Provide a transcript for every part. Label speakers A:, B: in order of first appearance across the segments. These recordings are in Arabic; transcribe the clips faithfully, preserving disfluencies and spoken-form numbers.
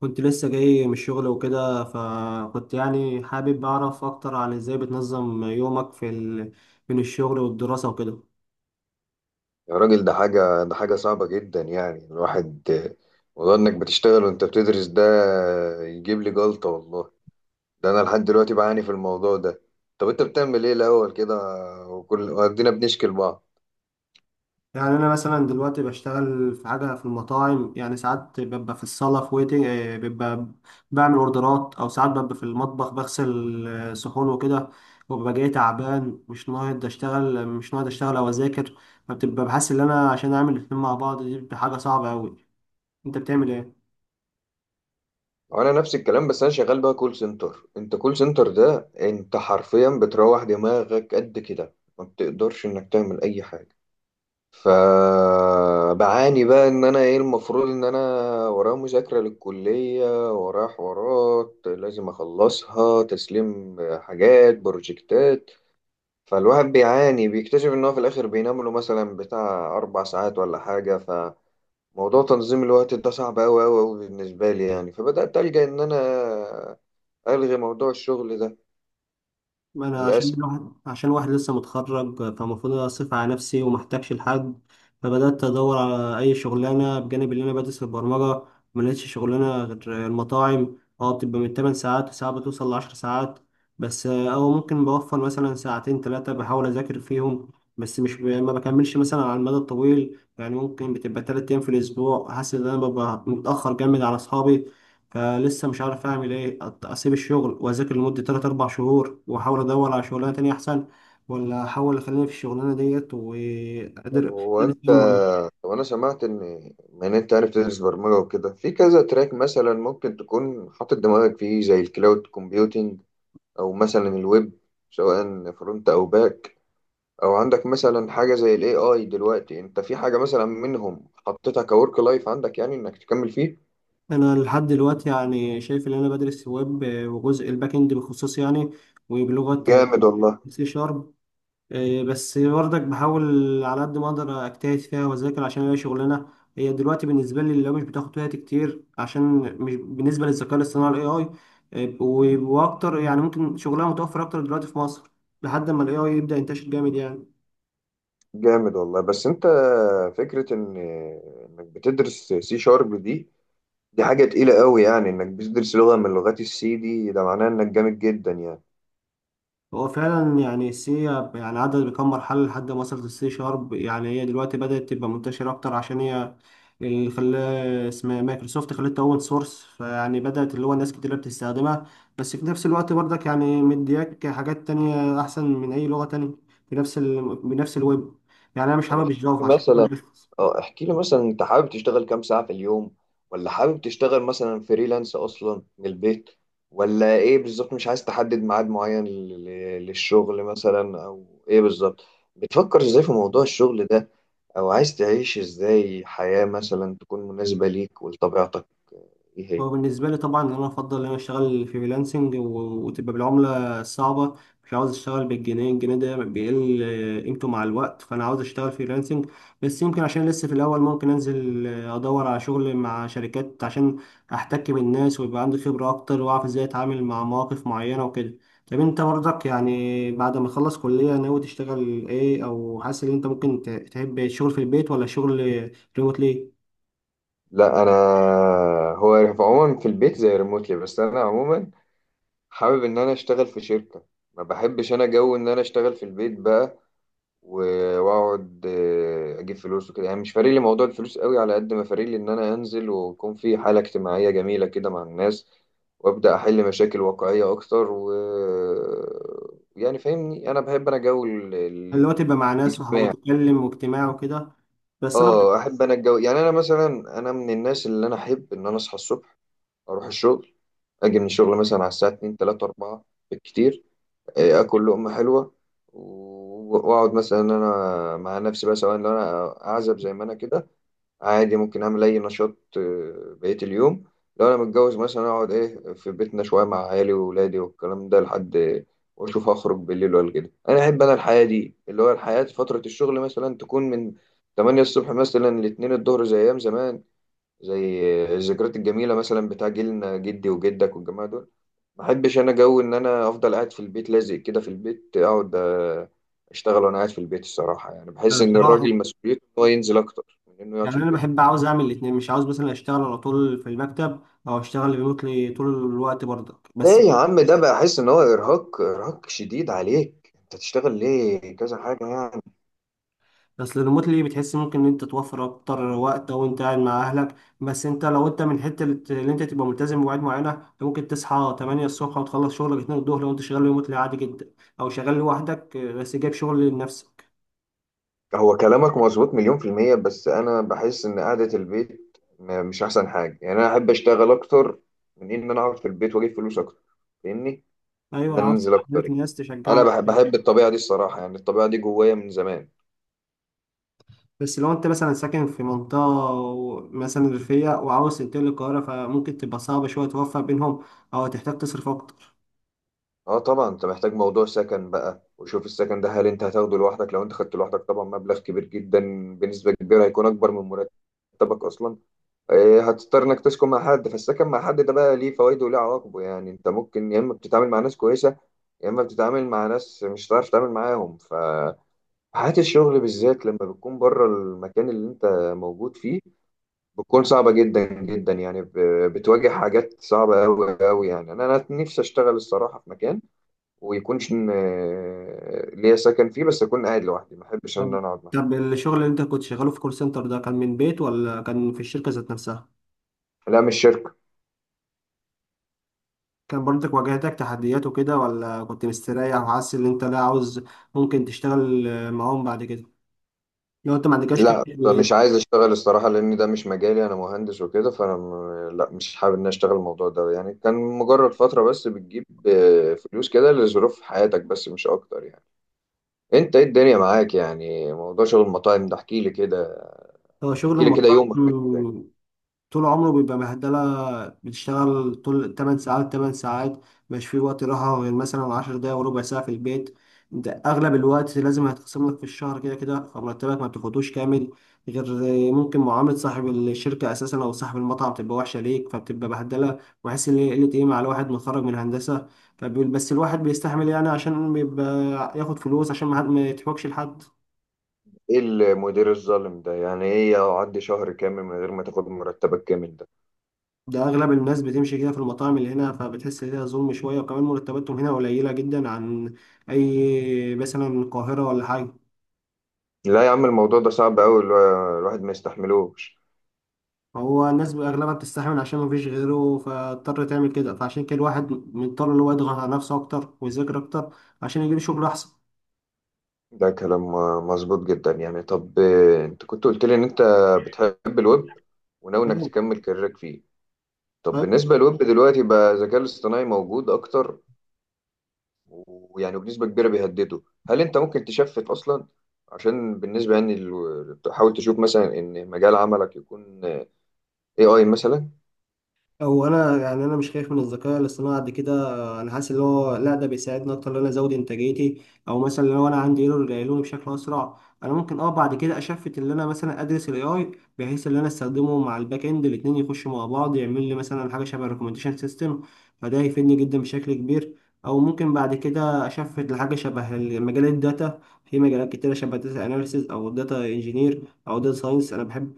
A: كنت لسه جاي من الشغل وكده فكنت يعني حابب أعرف أكتر عن إزاي بتنظم يومك في ال... بين الشغل والدراسة وكده.
B: يا راجل ده حاجة ده حاجة صعبة جدا، يعني الواحد موضوع انك بتشتغل وانت بتدرس ده يجيب لي جلطة والله. ده انا لحد دلوقتي بعاني في الموضوع ده. طب انت بتعمل ايه الاول كده؟ وكل وادينا بنشكل بعض.
A: يعني أنا مثلا دلوقتي بشتغل في حاجة في المطاعم، يعني ساعات ببقى في الصالة في ويتنج، آه، ببقى بعمل أوردرات، أو ساعات ببقى في المطبخ بغسل آه، صحون وكده، وببقى جاي تعبان، مش ناقد أشتغل، مش ناقد أشتغل أو أذاكر. فبتبقى بحس إن أنا عشان أعمل الاتنين مع بعض دي بتبقى حاجة صعبة أوي. أنت بتعمل إيه؟
B: وانا نفس الكلام، بس انا شغال بقى كول سنتر. انت كول سنتر ده انت حرفيا بتروح دماغك قد كده، ما بتقدرش انك تعمل اي حاجة. فبعاني بقى ان انا ايه المفروض ان انا ورايا مذاكرة للكلية، ورايا حوارات لازم اخلصها، تسليم حاجات بروجكتات. فالواحد بيعاني، بيكتشف ان هو في الاخر بينام له مثلا بتاع اربع ساعات ولا حاجة. فموضوع تنظيم الوقت ده صعب اوي اوي اوي بالنسبة لي، يعني فبدأت ألجأ ان انا الغي موضوع الشغل ده.
A: ما انا عشان
B: للأسف.
A: الواحد عشان واحد لسه متخرج، فالمفروض اصرف على نفسي ومحتاجش لحد. فبدات ادور على اي شغلانه بجانب اللي انا بدرس، البرمجه. ما لقيتش شغلانه غير المطاعم، اه بتبقى من 8 ساعات وساعات بتوصل ل 10 ساعات، بس آه، او ممكن بوفر مثلا ساعتين ثلاثه بحاول اذاكر فيهم. بس مش ب... ما بكملش مثلا على المدى الطويل، يعني ممكن بتبقى 3 ايام في الاسبوع حاسس ان انا ببقى متاخر جامد على اصحابي. فلسه مش عارف اعمل ايه، أت- اسيب الشغل واذاكر لمده تلات 4 شهور واحاول ادور على شغلانه تانية احسن، ولا احاول اخليني في الشغلانه ديت
B: طب
A: وقادر.
B: هو انت طب انا سمعت ان من انت عارف تدرس برمجه وكده في كذا تراك، مثلا ممكن تكون حاطط دماغك فيه زي الكلاود كومبيوتنج، او مثلا الويب، سواء فرونت او باك، او عندك مثلا حاجه زي الاي اي. دلوقتي انت في حاجه مثلا منهم حطيتها كورك لايف عندك، يعني انك تكمل فيه؟
A: انا لحد دلوقتي يعني شايف ان انا بدرس ويب، وجزء الباك اند بخصوص يعني، وبلغه
B: جامد والله.
A: سي شارب. إيه، بس برضك بحاول على قد ما اقدر اجتهد فيها واذاكر، عشان هي شغلانه هي دلوقتي بالنسبه لي لو مش بتاخد وقت كتير، عشان مش بالنسبه للذكاء الاصطناعي الاي اي. إيه، و- واكتر، يعني ممكن شغلها متوفر اكتر دلوقتي في مصر لحد ما الاي اي يبدا ينتشر جامد يعني.
B: جامد والله، بس انت فكره ان انك بتدرس سي شارب دي، دي حاجه تقيله قوي، يعني انك بتدرس لغه من لغات السي دي ده معناه انك جامد جدا يعني.
A: هو فعلا يعني السي يعني عدت بكم مرحلة لحد ما وصلت السي شارب، يعني هي دلوقتي بدأت تبقى منتشرة أكتر، عشان هي اللي خلاه اسمها مايكروسوفت خلتها أوبن سورس، فيعني بدأت اللي هو ناس كتير بتستخدمها. بس في نفس الوقت برضك يعني مدياك حاجات تانية أحسن من أي لغة تانية في نفس ال... بنفس الويب. يعني أنا مش
B: طب
A: حابب
B: احكي
A: الجافا عشان
B: مثلا
A: كده.
B: اه احكي لي مثلا، انت حابب تشتغل كام ساعة في اليوم؟ ولا حابب تشتغل مثلا فريلانس اصلا من البيت؟ ولا ايه بالظبط؟ مش عايز تحدد ميعاد معين لل- للشغل مثلا؟ او ايه بالظبط؟ بتفكر ازاي في موضوع الشغل ده؟ او عايز تعيش ازاي حياة مثلا تكون مناسبة ليك ولطبيعتك؟ ايه هي
A: هو بالنسبة لي طبعا أنا أفضل إن أنا أشتغل فريلانسنج، و- وتبقى بالعملة الصعبة. مش عاوز أشتغل بالجنيه، الجنيه ده بيقل آه، قيمته مع الوقت، فأنا عاوز أشتغل فريلانسنج. بس يمكن عشان لسه في الأول ممكن أنزل، آه، أدور على شغل مع شركات، عشان أحتك بالناس ويبقى عندي خبرة أكتر وأعرف إزاي أتعامل مع مواقف معينة وكده. طب أنت برضك يعني بعد ما تخلص كلية ناوي تشتغل إيه، أو حاسس إن أنت ممكن ت- تحب الشغل في البيت ولا شغل ريموتلي؟
B: لا انا، هو في عموما في البيت زي ريموتلي، بس انا عموما حابب ان انا اشتغل في شركة. ما بحبش انا جو ان انا اشتغل في البيت بقى، و- واقعد آه، اجيب فلوس وكده. يعني مش فارق لي موضوع الفلوس قوي على قد ما فارق لي ان انا انزل، ويكون في حالة اجتماعية جميلة كده مع الناس، وابدا احل مشاكل واقعية اكتر و، يعني فاهمني؟ انا بحب انا جو ال-
A: اللي
B: ال-
A: هو تبقى مع ناس وه-
B: الاجتماع.
A: وتتكلم واجتماع وكده. بس انا،
B: اه احب انا الجو. يعني انا مثلا انا من الناس اللي انا احب ان انا اصحى الصبح، اروح الشغل، اجي من الشغل مثلا على الساعة اتنين تلاتة اربعة بالكتير. إيه، اكل لقمه حلوه، و- واقعد مثلا إن انا مع نفسي بقى، سواء لو انا اعزب زي ما انا كده، عادي ممكن اعمل اي نشاط آه، بقيه اليوم. لو انا متجوز مثلا اقعد ايه في بيتنا شويه مع عيالي واولادي والكلام ده لحد، واشوف هخرج بالليل ولا كده. انا احب انا الحياه دي، اللي هو الحياه في فتره الشغل مثلا تكون من تمانية الصبح مثلا ل اتنين الظهر، زي ايام زمان، زي الذكريات الجميله مثلا بتاع جيلنا، جدي وجدك والجماعه دول. ما بحبش انا جو ان انا افضل قاعد في البيت، لازق كده في البيت اقعد، آه، اشتغل وانا قاعد في البيت الصراحه، يعني بحس
A: أنا
B: ان
A: بصراحه
B: الراجل مسؤوليته ان هو ينزل اكتر من انه يقعد
A: يعني
B: في
A: انا
B: البيت.
A: بحب، عاوز اعمل الاثنين، مش عاوز مثلا اشتغل على طول في المكتب او اشتغل ريموتلي طول الوقت برضك بس.
B: ليه يا عم ده؟ بقى احس ان هو ارهاق، ارهاق شديد عليك، انت تشتغل ليه كذا حاجه يعني؟
A: بس الريموتلي بتحس ممكن ان انت توفر اكتر وقت او انت قاعد مع اهلك، بس انت لو انت من حته اللي انت تبقى ملتزم بمواعيد معينه، أنت ممكن تصحى 8 الصبح وتخلص شغلك 2 الظهر لو انت شغال ريموتلي عادي جدا، او شغال لوحدك بس جايب شغل لنفسك.
B: هو كلامك مظبوط مليون في الميه، بس انا بحس ان قعده البيت م- مش احسن حاجه. يعني انا احب اشتغل اكتر من ان انا اقعد في البيت واجيب فلوس اكتر، فاهمني؟ ان
A: ايوه،
B: انا
A: عاوز
B: انزل اكتر
A: تخليك
B: يعني.
A: ناس
B: انا
A: تشجعك.
B: بحب بحب الطبيعه دي الصراحه، يعني الطبيعه دي جوايا من زمان.
A: بس لو انت مثلا ساكن في منطقة و- مثلا ريفية وعاوز تنتقل للقاهرة، فممكن تبقى صعبة شوية توفق بينهم، أو هتحتاج تصرف أكتر.
B: اه طبعا، انت محتاج موضوع سكن بقى، وشوف السكن ده هل انت هتاخده لوحدك؟ لو انت خدته لوحدك طبعا مبلغ كبير جدا، بنسبة كبيرة هيكون اكبر من مرتبك اصلا. آه، هتضطر انك تسكن مع حد. فالسكن مع حد ده بقى ليه فوائده وليه عواقبه، يعني انت ممكن يا اما بتتعامل مع ناس كويسة، يا اما بتتعامل مع ناس مش هتعرف تتعامل معاهم. فحياة الشغل بالذات لما بتكون بره المكان اللي انت موجود فيه بتكون صعبة جدا جدا، يعني ب- بتواجه حاجات صعبة أوي أوي. يعني أنا أنا نفسي أشتغل الصراحة في مكان ويكونش م- آه، ليا سكن فيه، بس اكون قاعد لوحدي، ما احبش ان
A: طب
B: انا اقعد مع حد.
A: طب الشغل اللي انت كنت شغاله في كول سنتر ده كان من بيت ولا كان في الشركة ذات نفسها؟
B: لا مش شركه.
A: كان برضك واجهتك تحديات وكده ولا كنت مستريح وحاسس ان انت لا عاوز، ممكن تشتغل معاهم بعد كده؟ لو انت ما عندكش كده
B: لا مش
A: ليه؟
B: عايز اشتغل الصراحه، لان ده مش مجالي، انا مهندس وكده. فانا م- لا مش حابب ان أنا اشتغل الموضوع ده، يعني كان مجرد فتره بس بتجيب آه، فلوس كده لظروف حياتك بس، مش اكتر يعني. انت ايه الدنيا معاك؟ يعني موضوع شغل المطاعم ده احكي لي كده،
A: هو شغل
B: احكي لي كده،
A: المطاعم
B: يومك ماشي إزاي؟
A: طول عمره بيبقى بهدلة، بتشتغل طول 8 ساعات 8 ساعات، مش في وقت راحة غير مثلا 10 دقايق وربع ساعة في البيت. انت اغلب الوقت لازم هيتقسم لك في الشهر كده كده، فمرتبك ما بتاخدوش كامل، غير ممكن معاملة صاحب الشركة اساسا او صاحب المطعم تبقى وحشة ليك فبتبقى بهدلة، وحاسس ان هي قلة قيمة على واحد متخرج من هندسة. فبيقول بس الواحد بيستحمل يعني، عشان بيبقى ياخد فلوس، عشان ما حد- ما يتحوكش لحد.
B: ايه المدير الظالم ده يعني؟ ايه اقعد شهر كامل من غير ما تاخد مرتبك كامل ده؟
A: ده اغلب الناس بتمشي كده في المطاعم اللي هنا، فبتحس ان هي ظلم شويه، وكمان مرتباتهم هنا قليله جدا عن اي مثلا القاهره ولا حاجه.
B: لا يا عم الموضوع ده صعب أوي، الوا- الواحد ما يستحملوش.
A: هو الناس اغلبها بتستحمل عشان مفيش غيره فاضطر تعمل كده، فعشان كده الواحد مضطر ان هو يضغط على نفسه اكتر ويذاكر اكتر عشان يجيب شغل احسن.
B: ده كلام م- مظبوط جدا يعني. طب آه، أنت كنت قلت لي إن أنت بتحب الويب وناوي إنك
A: أيوة.
B: تكمل كاريرك فيه. طب بالنسبة للويب دلوقتي بقى الذكاء الاصطناعي موجود أكتر، ويعني بنسبة كبيرة بيهدده. هل أنت ممكن تشفت أصلا؟ عشان بالنسبة يعني، ال- تحاول تشوف مثلا إن مجال عملك يكون آه، إيه آي مثلا؟
A: هو انا يعني انا مش خايف من الذكاء الاصطناعي قد كده، انا حاسس ان هو لا، ده بيساعدني اكتر ان انا ازود انتاجيتي، او مثلا لو انا عندي ايرور يلاقوني بشكل اسرع. انا ممكن اه بعد كده اشفت ان انا مثلا ادرس الاي اي، بحيث ان انا استخدمه مع الباك اند الاتنين يخشوا مع بعض، يعمل لي مثلا حاجه شبه ريكومنديشن سيستم، فده هيفيدني جدا بشكل كبير. او ممكن بعد كده اشفت لحاجه شبه مجال الداتا، في مجالات كتيره شبه داتا اناليسيز او داتا انجينير او داتا ساينس، انا بحب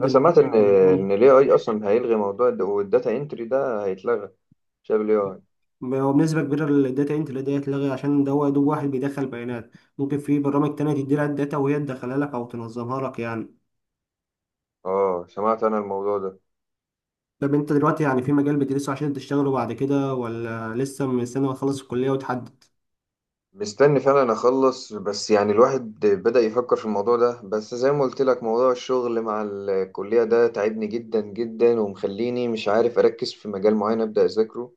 B: أنا سمعت إن إن ال اي اي أصلا هيلغي موضوع الد- والداتا انتري، ده هيتلغى بسبب ال اي اي.
A: هو بنسبة كبيرة الداتا انتر دي هتلغي، عشان ده هو يا دوب واحد بيدخل بيانات، ممكن في برامج تانية تدي لها الداتا وهي تدخلها لك أو تنظمها لك يعني.
B: اه سمعت انا الموضوع ده.
A: طب انت دلوقتي يعني في مجال بتدرسه عشان تشتغله بعد كده ولا لسه مستني ما تخلص الكلية وتحدد؟
B: مستني فعلا اخلص، بس يعني الواحد بدأ يفكر في الموضوع ده، بس زي ما قلت لك موضوع الشغل مع الكلية ده تعبني جدا جدا، ومخليني مش عارف اركز في مجال معين ابدأ اذاكره.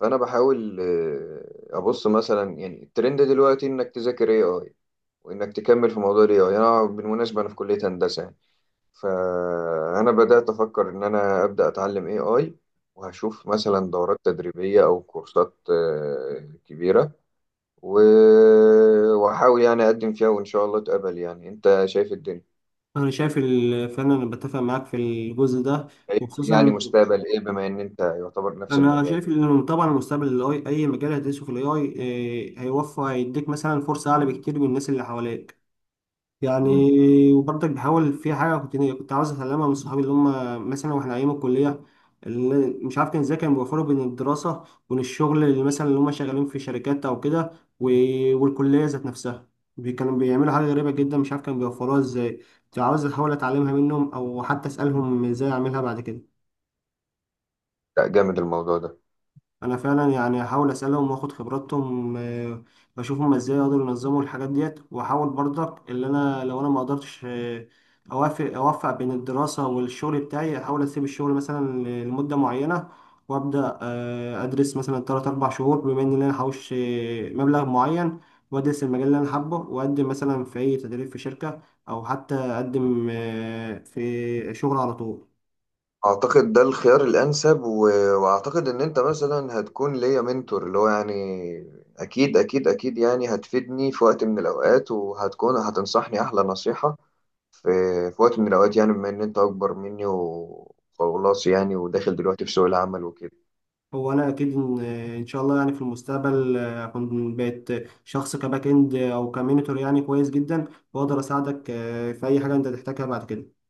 B: فانا بحاول آه، ابص مثلا، يعني الترند دلوقتي انك تذاكر اي اي، وانك تكمل في موضوع الاي اي. انا بالمناسبة انا في كلية هندسة يعني، فانا بدأت افكر ان انا ابدأ اتعلم اي اي، وهشوف مثلا دورات تدريبية او كورسات آه، كبيرة، و- وأحاول يعني أقدم فيها، وإن شاء الله أتقبل. يعني أنت شايف الدنيا،
A: أنا شايف ال- فعلا أنا بتفق معاك في الجزء ده،
B: شايف لي يعني
A: وخصوصا
B: مستقبل إيه؟ بما إن أنت يعتبر نفس
A: أنا
B: المجال
A: شايف
B: يعني.
A: إن طبعا المستقبل ال إيه آي، أي مجال هتدرسه في ال إيه آي إيه، هيوفر، هيديك مثلا فرصة أعلى بكتير من الناس اللي حواليك.
B: مم.
A: يعني، وبرضك بحاول في حاجة كنت كنت عاوز أتعلمها من صحابي، اللي هم مثلا وإحنا أيام الكلية، اللي مش عارف كان إزاي كانوا بيوفروا بين الدراسة وبين الشغل، اللي مثلا اللي هم شغالين في شركات أو كده، و- والكلية ذات نفسها، بي- كانوا بيعملوا حاجة غريبة جدا، مش عارف كانوا بيوفروها إزاي، كنت عاوز أحاول أتعلمها منهم أو حتى أسألهم إزاي أعملها بعد كده.
B: لا جامد الموضوع ده.
A: انا فعلا يعني هحاول اسالهم واخد خبراتهم، آه، واشوف هما ازاي يقدروا ينظموا الحاجات ديت، واحاول برضك اللي انا لو انا ما قدرتش، آه، اوافق اوفق بين الدراسه والشغل بتاعي، احاول اسيب الشغل مثلا لمده معينه، وابدا آه، ادرس مثلا تلات 4 شهور، بما ان انا هحوش آه، مبلغ معين، وادرس المجال اللي انا حابه، واقدم مثلا في اي تدريب في شركه، او حتى اقدم آه، في شغل على طول.
B: أعتقد ده الخيار الأنسب، و... وأعتقد إن أنت مثلا هتكون ليا منتور، اللي هو يعني أكيد أكيد أكيد يعني، هتفيدني في وقت من الأوقات، وهتكون هتنصحني أحلى نصيحة في... في وقت من الأوقات، يعني بما إن أنت أكبر مني وخلاص، يعني وداخل دلوقتي في سوق العمل وكده.
A: هو انا اكيد ان إن شاء الله يعني في المستقبل آه، اكون بقيت شخص كباك اند او كمينيتور يعني كويس جدا، واقدر اساعدك آه، في اي حاجه انت تحتاجها بعد كده.